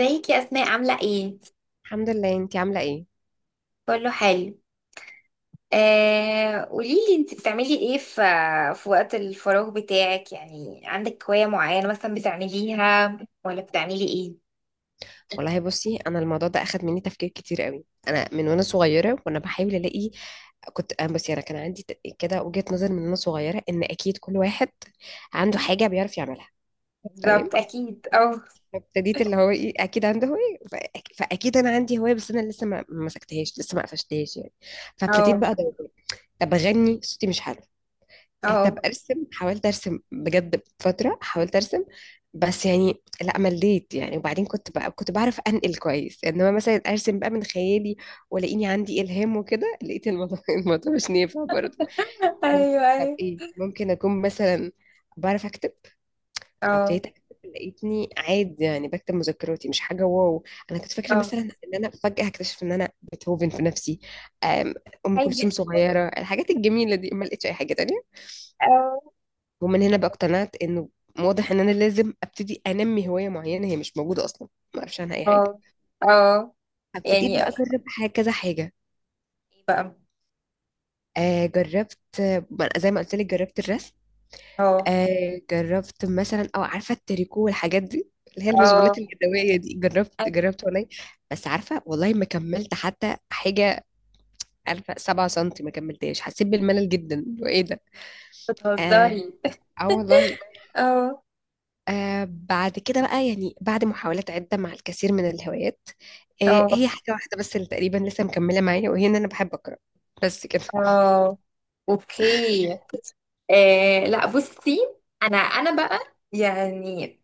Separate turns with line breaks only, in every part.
ازيك يا اسماء، عامله ايه؟
الحمد لله. انتي عامله ايه؟
كله حلو. قوليلي، انت بتعملي ايه في وقت الفراغ بتاعك؟ يعني عندك هوايه معينه مثلا بتعمليها ولا بتعملي ايه؟
والله بصي، انا الموضوع ده اخد مني تفكير كتير قوي. انا من وانا صغيره وانا بحاول الاقي. كنت انا بصي انا كان عندي كده وجهه نظر من وانا صغيره ان اكيد كل واحد عنده حاجه بيعرف يعملها. تمام.
بالظبط، اكيد. اه.
ابتديت اللي هو ايه، اكيد عنده هوايه، فاكيد انا عندي هوايه، بس انا لسه ما مسكتهاش، لسه ما قفشتهاش يعني. فابتديت
اه.
بقى ادور. طب اغني، صوتي مش حلو.
اه.
طب ارسم، حاولت ارسم بجد فتره، حاولت ارسم بس يعني لا مليت يعني. وبعدين كنت بعرف انقل كويس، انما مثلا ارسم بقى من خيالي ولاقيني عندي الهام وكده، لقيت الموضوع الموضوع مش نافع برضه.
ايوه
قلت طب
ايوه.
ايه، ممكن اكون مثلا بعرف اكتب.
اه.
فابتديت اكتب، لقيتني عادي يعني، بكتب مذكراتي، مش حاجه واو. انا كنت فاكره
اه.
مثلا ان انا فجاه هكتشف ان انا بيتهوفن في نفسي، أم أم كلثوم
عادي.
صغيره، الحاجات الجميله دي، ما لقيتش اي حاجه تانية.
اه.
ومن هنا بقى اقتنعت انه واضح ان انا لازم ابتدي انمي هوايه معينه هي مش موجوده اصلا، ما اعرفش عنها اي حاجه.
اه. اه،
ابتديت
يعني
بقى اجرب حاجه، كذا حاجه.
بقى.
جربت، زي ما قلت لك جربت الرسم،
اه.
جربت مثلا او عارفه التريكو والحاجات دي اللي هي
اه.
المشغولات اليدويه دي. جربت
ايوه.
جربت والله، بس عارفه والله ما كملت حتى حاجه. عارفه 7 سم ما كملتهاش، حسيت بالملل جدا، وايه ده. اه.
بتهزري؟
آه والله.
اه.
بعد كده بقى يعني بعد محاولات عدة مع الكثير من الهوايات،
اه.
هي حاجة واحدة بس اللي تقريبا لسه مكملة معايا، وهي إن أنا بحب أقرأ. بس كده.
اه. اوكي. لا، بصي. انا بقى، يعني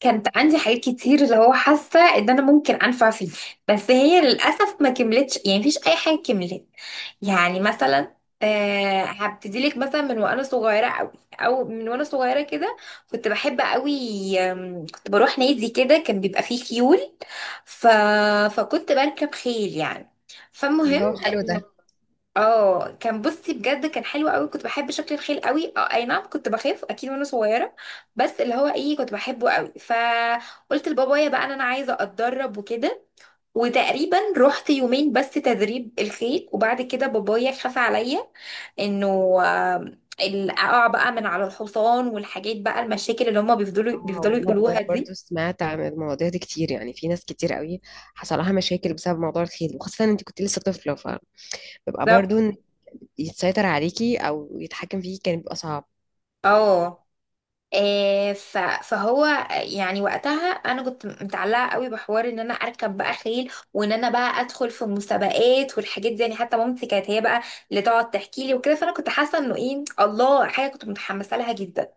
كانت عندي حاجات كتير، اللي هو حاسه ان انا ممكن انفع فيه، بس هي للاسف ما كملتش، يعني مفيش اي حاجه كملت. يعني مثلا، هبتدي لك مثلا من وانا صغيره قوي، او من وانا صغيره كده كنت بحب قوي. كنت بروح نادي كده، كان بيبقى فيه خيول. ف... فكنت بركب خيل يعني.
الله،
فالمهم،
حلو ده.
اه كان بصي بجد كان حلو قوي، كنت بحب شكل الخيل قوي. اه اي نعم، كنت بخاف اكيد وانا صغيره، بس اللي هو ايه كنت بحبه قوي. فقلت لبابايا بقى ان انا عايزه اتدرب وكده، وتقريبا رحت يومين بس تدريب الخيل، وبعد كده بابايا خاف عليا انه، آه، اقع بقى من على الحصان والحاجات، بقى المشاكل اللي هما بيفضلوا
اه
بيفضلوا
وانا
يقولوها
بجد برضو
دي.
سمعت عن المواضيع دي كتير، يعني في ناس كتير قوي حصل لها مشاكل بسبب موضوع الخيل، وخاصة انت كنت لسه طفلة، فبيبقى برضو
بالظبط.
إن يتسيطر عليكي او يتحكم فيكي كان بيبقى صعب.
اه. فهو يعني وقتها انا كنت متعلقه قوي بحوار ان انا اركب بقى خيل، وان انا بقى ادخل في المسابقات والحاجات دي، يعني حتى مامتي كانت هي بقى اللي تقعد تحكي لي وكده، فانا كنت حاسه انه ايه الله، حاجه كنت متحمسه لها جدا.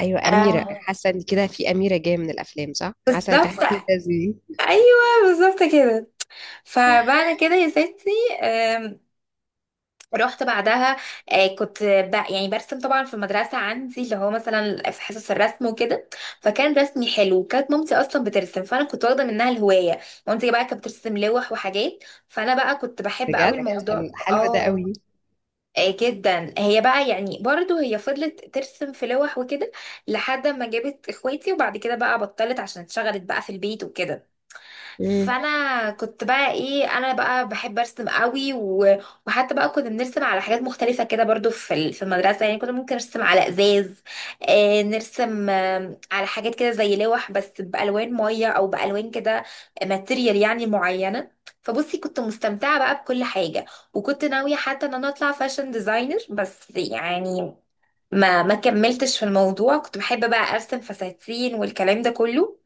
ايوه، اميرة
آه،
حاسة ان كده في اميرة جاية من الافلام، صح، حاسة
بالظبط.
تحس ان ده
ايوه بالظبط كده. فبعد كده يا ستي رحت بعدها. كنت يعني برسم طبعا في المدرسة عندي، اللي هو مثلا في حصص الرسم وكده، فكان رسمي حلو. كانت مامتي أصلا بترسم، فأنا كنت واخدة منها الهواية. مامتي بقى كانت بترسم لوح وحاجات، فأنا بقى كنت بحب قوي
بجد
الموضوع.
حلو ده
اه.
قوي.
جدا. هي بقى يعني برضو هي فضلت ترسم في لوح وكده لحد ما جابت اخواتي، وبعد كده بقى بطلت عشان اتشغلت بقى في البيت وكده.
مم.
فانا كنت بقى ايه، انا بقى بحب ارسم قوي وحتى بقى كنا بنرسم على حاجات مختلفه كده، برضو في في المدرسه، يعني كنا ممكن نرسم على ازاز. نرسم على حاجات كده زي لوح، بس بالوان ميه او بالوان كده، ماتيريال يعني معينه. فبصي كنت مستمتعه بقى بكل حاجه، وكنت ناويه حتى ان انا اطلع فاشن ديزاينر، بس يعني ما كملتش في الموضوع. كنت بحب بقى ارسم فساتين والكلام ده كله.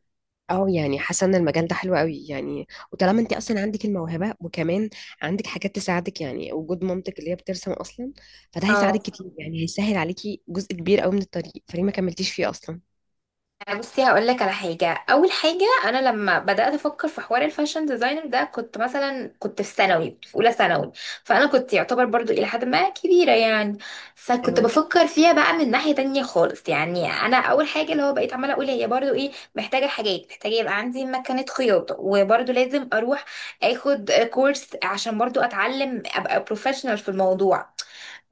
اه يعني حاسه ان المجال ده حلو قوي يعني، وطالما انت اصلا عندك الموهبه، وكمان عندك حاجات تساعدك يعني وجود مامتك اللي هي بترسم اصلا، فده
اه
هيساعدك كتير يعني، هيسهل عليكي جزء كبير قوي من الطريق، فليه ما كملتيش فيه اصلا؟
بصي هقول لك على حاجه. اول حاجه، انا لما بدات افكر في حوار الفاشن ديزاينر ده كنت مثلا، كنت في ثانوي، كنت في اولى ثانوي، فانا كنت يعتبر برضو الى حد ما كبيره يعني. فكنت
اه.
بفكر فيها بقى من ناحيه تانية خالص، يعني انا اول حاجه اللي هو بقيت عماله اقول هي برضو ايه، محتاجه حاجات، محتاجه يبقى عندي مكنه خياطه، وبرضو لازم اروح اخد كورس عشان برضو اتعلم ابقى بروفيشنال في الموضوع.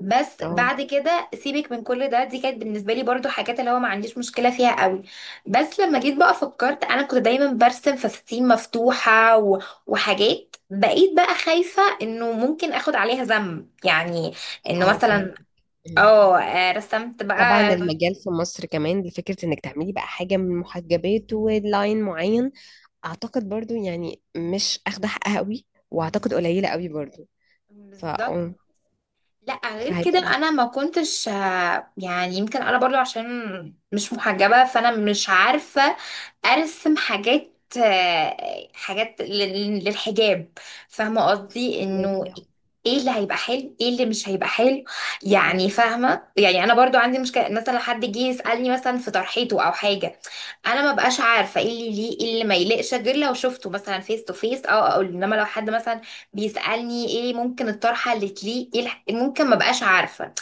بس
اه.
بعد كده سيبك من كل ده، دي كانت بالنسبه لي برضو حاجات اللي هو ما عنديش مشكله فيها قوي. بس لما جيت بقى فكرت، انا كنت دايما برسم فساتين مفتوحه وحاجات، بقيت بقى خايفه انه ممكن اخد عليها ذنب يعني. انه
اه فاهم.
مثلا،
مم.
اه رسمت
طبعا
بقى.
المجال في مصر كمان لفكره انك تعملي بقى حاجه من محجبات ولاين معين، اعتقد برضو يعني مش اخده حقها قوي، واعتقد قليله قوي برضو. فا
بالظبط.
اه
لا غير كده
فهيبقى
انا ما كنتش، يعني يمكن انا برضو عشان مش محجبة، فانا مش عارفة ارسم حاجات، حاجات للحجاب، فاهمة قصدي انه
محتاج-
ايه اللي هيبقى حلو ايه اللي مش هيبقى حلو.
مم.
يعني فاهمة، يعني انا برضو عندي مشكلة، مثلا حد جه يسألني مثلا في طرحيته او حاجة، انا ما بقاش عارفة ايه اللي ليه ايه اللي ما يليقش، غير لو شفته مثلا فيس تو فيس. او اقول، انما لو حد مثلا بيسألني ايه ممكن الطرحة اللي تليق، ايه ممكن ما بقاش عارفة.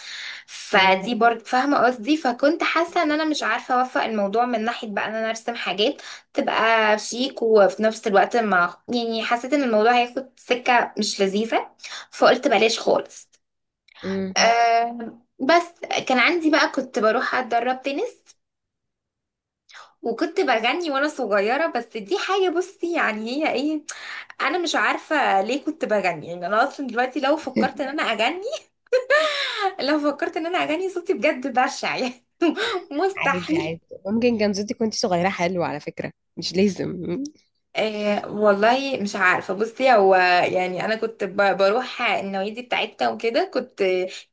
فدي برضه، فاهمة قصدي، فكنت حاسة ان انا مش عارفة اوفق الموضوع، من ناحية بقى ان انا ارسم حاجات تبقى شيك، وفي نفس الوقت ما يعني حسيت ان الموضوع هياخد سكة مش لذيذة، فقلت بلاش خالص.
مم.
أه بس كان عندي بقى كنت بروح اتدرب تنس، وكنت بغني وانا صغيرة، بس دي حاجة بصي يعني هي ايه، انا مش عارفه ليه كنت بغني. يعني انا اصلا دلوقتي لو فكرت ان انا اغني، لو فكرت ان انا اغني صوتي بجد بشع يعني.
عادي
مستحيل.
عادي، ممكن كان صوتك وانت صغيرة حلو، على فكرة مش لازم.
والله مش عارفه بصي، هو يعني انا كنت بروح النوادي بتاعتنا وكده،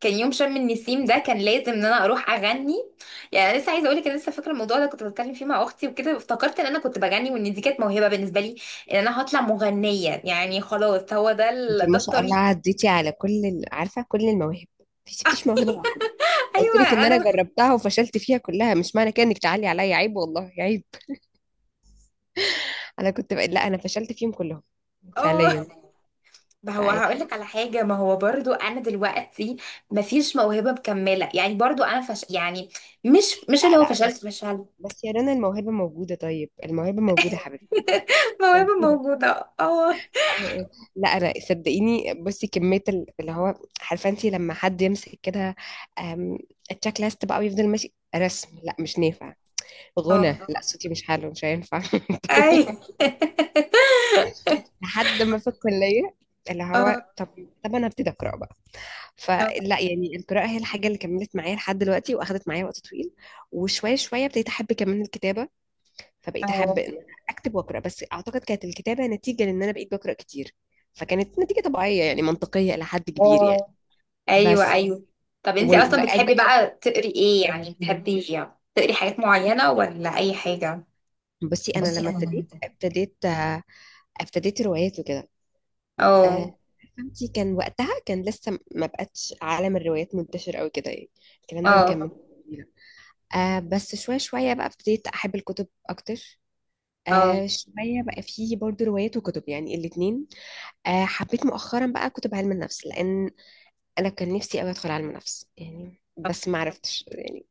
كان يوم شم النسيم ده كان لازم ان انا اروح اغني. يعني أنا لسه عايزه اقول لك، انا لسه فاكره الموضوع ده، كنت بتكلم فيه مع اختي وكده، افتكرت ان انا كنت بغني، وان دي كانت موهبه بالنسبه لي، ان انا هطلع مغنيه يعني، خلاص هو ده
انت ما
ده
شاء الله
الطريق.
عديتي على كل ال، عارفة كل المواهب ما سبتيش موهبة واحدة. قلت لك
ايوه
ان انا
انا.
جربتها وفشلت فيها كلها، مش معنى كده انك تعلي عليا، عيب والله عيب. انا كنت لا، انا فشلت فيهم كلهم.
اه
فعليا
ما هو
فع...
هقولك على حاجة، ما هو برضو أنا دلوقتي مفيش موهبة مكملة، يعني برضو أنا فش يعني، مش اللي
لا
هو
لا
فشلت.
بس،
فشلت.
بس يا رنا الموهبة موجودة، طيب الموهبة موجودة يا حبيبتي،
موهبة
موجودة.
موجودة اه.
أو أو. لا انا صدقيني بصي، كميه اللي هو، عارفه انت لما حد يمسك كده، أم، التشيك ليست بقى ويفضل ماشي، رسم لا مش نافع، غنى
اه.
لا صوتي مش حلو مش هينفع.
أي
لحد ما في الكليه اللي هو
اه.
طب، طب انا ابتدي اقرا بقى.
اه.
فلا يعني القراءه هي الحاجه اللي كملت معايا لحد دلوقتي، واخدت معايا وقت طويل. وشويه شويه ابتديت احب كمان الكتابه، فبقيت احب
اه.
ان أنا اكتب واقرا، بس اعتقد كانت الكتابه نتيجه لان انا بقيت بقرا كتير، فكانت نتيجه طبيعيه يعني منطقيه الى حد كبير يعني.
آه. أيوه
بس
أيوه. طب
و...
أنتي أصلا
وأج...
بتحبي بقى تقري إيه؟ يعني بتحبي يعني تقري حاجات معينة ولا أي حاجة؟
بصي انا
بس
لما
أنا لما
ابتديت، ابتديت روايات وكده. آه،
اه.
فهمتي كان وقتها كان لسه ما بقتش عالم الروايات منتشر قوي كده يعني، الكلام ده ما كان
اه.
من سنين. آه بس شويه شويه بقى ابتديت احب الكتب اكتر،
اه.
آه شويه بقى فيه برضو روايات وكتب يعني الاتنين. حبيت مؤخرا بقى كتب علم النفس، لان انا كان نفسي قوي ادخل علم نفس يعني، بس ما عرفتش يعني.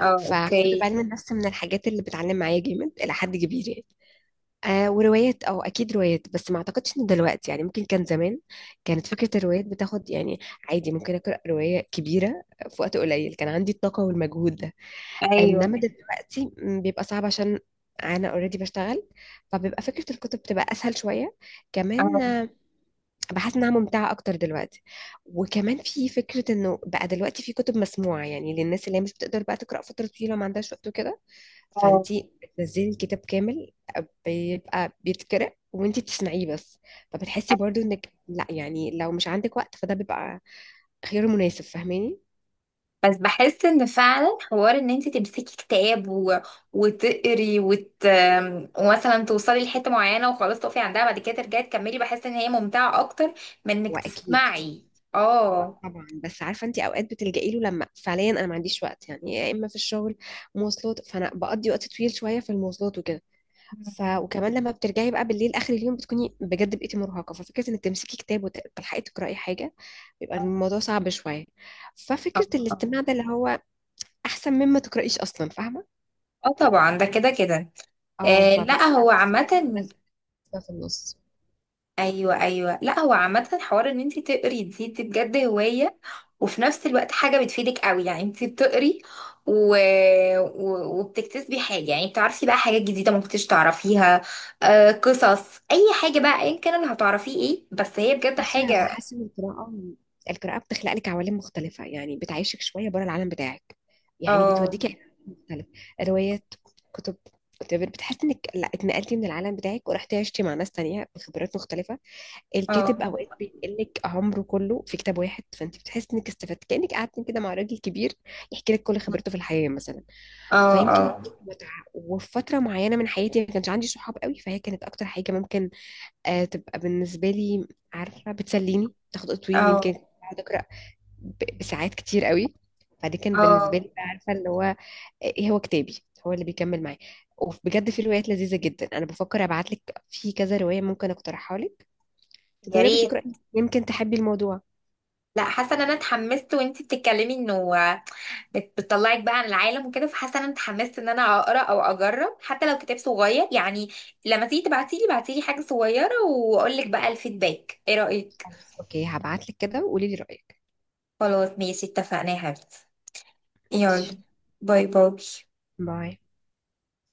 اه.
فكتب
أوكي.
علم النفس من الحاجات اللي بتعلم معايا جامد الى حد كبير يعني. وروايات، اه اكيد روايات، بس ما اعتقدش ان دلوقتي يعني، ممكن كان زمان كانت فكرة الروايات بتاخد يعني. عادي ممكن اقرا رواية كبيرة في وقت قليل، كان عندي الطاقة والمجهود ده.
أيوه.
انما دلوقتي بيبقى صعب عشان انا اوريدي بشتغل، فبيبقى فكرة الكتب بتبقى اسهل شوية كمان.
اه.
بحس انها ممتعة اكتر دلوقتي، وكمان في فكرة انه بقى دلوقتي في كتب مسموعة، يعني للناس اللي هي مش بتقدر بقى تقرا فترة طويلة وما عندهاش وقت وكده،
اه.
فانتي بتنزلي الكتاب كامل، بيبقى بيتقرأ وانتي بتسمعيه بس، فبتحسي برضو انك لا يعني لو مش عندك وقت فده بيبقى خيار مناسب. فاهماني؟
بس بحس ان فعلا حوار ان انت تمسكي كتاب وتقري ومثلا توصلي لحته معينه، وخلاص تقفي عندها، بعد كده ترجعي تكملي، بحس ان هي ممتعه اكتر من انك
هو اكيد،
تسمعي.
هو
اه.
طبعا، بس عارفه انتي اوقات بتلجئي له لما فعليا انا ما عنديش وقت، يعني يا اما في الشغل، مواصلات، فانا بقضي وقت طويل شويه في المواصلات وكده. وكمان لما بترجعي بقى بالليل اخر اليوم بتكوني بجد بقيتي مرهقه، ففكره انك تمسكي كتاب وتلحقي تقراي حاجه بيبقى الموضوع صعب شويه،
اه.
ففكره الاستماع ده اللي هو احسن مما تقرايش اصلا. فاهمه؟
آه طبعا ده كده كده.
اه،
آه لا
فبيبقى
هو
بس
عامة.
حاجة مناسبة في النص.
ايوه ايوه، لا هو عامه حوار ان انت تقري، دي بجد هوايه، وفي نفس الوقت حاجه بتفيدك قوي، يعني انت بتقري و... وبتكتسبي حاجه، يعني بتعرفي بقى حاجات جديده ما كنتش تعرفيها. قصص، اي حاجه بقى ايا كان اللي هتعرفيه ايه، بس هي بجد
بس يا
حاجه.
بحس ان القراءة، القراءة بتخلق لك عوالم مختلفة يعني، بتعيشك شوية بره العالم بتاعك، يعني
اه.
بتوديك عالم مختلف. روايات، كتب، whatever. بتحس انك لا اتنقلتي من العالم بتاعك ورحتي عشتي مع ناس تانية بخبرات مختلفة. الكاتب
اه.
اوقات بينقلك عمره كله في كتاب واحد، فانت بتحس انك استفدت كأنك قعدتي كده مع راجل كبير يحكي لك كل خبرته في الحياة مثلا.
اه.
فيمكن
اه.
متعة. وفي فترة معينة من حياتي ما كانش عندي صحاب قوي، فهي كانت أكتر حاجة ممكن تبقى بالنسبة لي، عارفة بتسليني، تاخد وقت طويل، يمكن
اه.
كنت بقعد أقرأ بساعات كتير قوي. فدي كان بالنسبة
اه.
لي بقى، عارفة اللي هو إيه، هو كتابي، هو اللي بيكمل معايا. وبجد في روايات لذيذة جدا، أنا بفكر أبعتلك في كذا رواية ممكن أقترحها لك،
يا
تجربي
ريت.
تقرأي يمكن تحبي الموضوع.
لا حاسه ان انا اتحمست وانت بتتكلمي، انه بتطلعك بقى عن العالم وكده، فحاسه ان انا اتحمست ان انا اقرا او اجرب حتى لو كتاب صغير يعني. لما تيجي تبعتيلي بعتيلي حاجه صغيره، واقول لك بقى الفيدباك ايه رايك.
خلاص أوكي، هبعتلك كده وقولي لي رأيك.
خلاص ماشي، اتفقنا يا حبيبتي.
ماشي.
يلا، باي باي.
باي.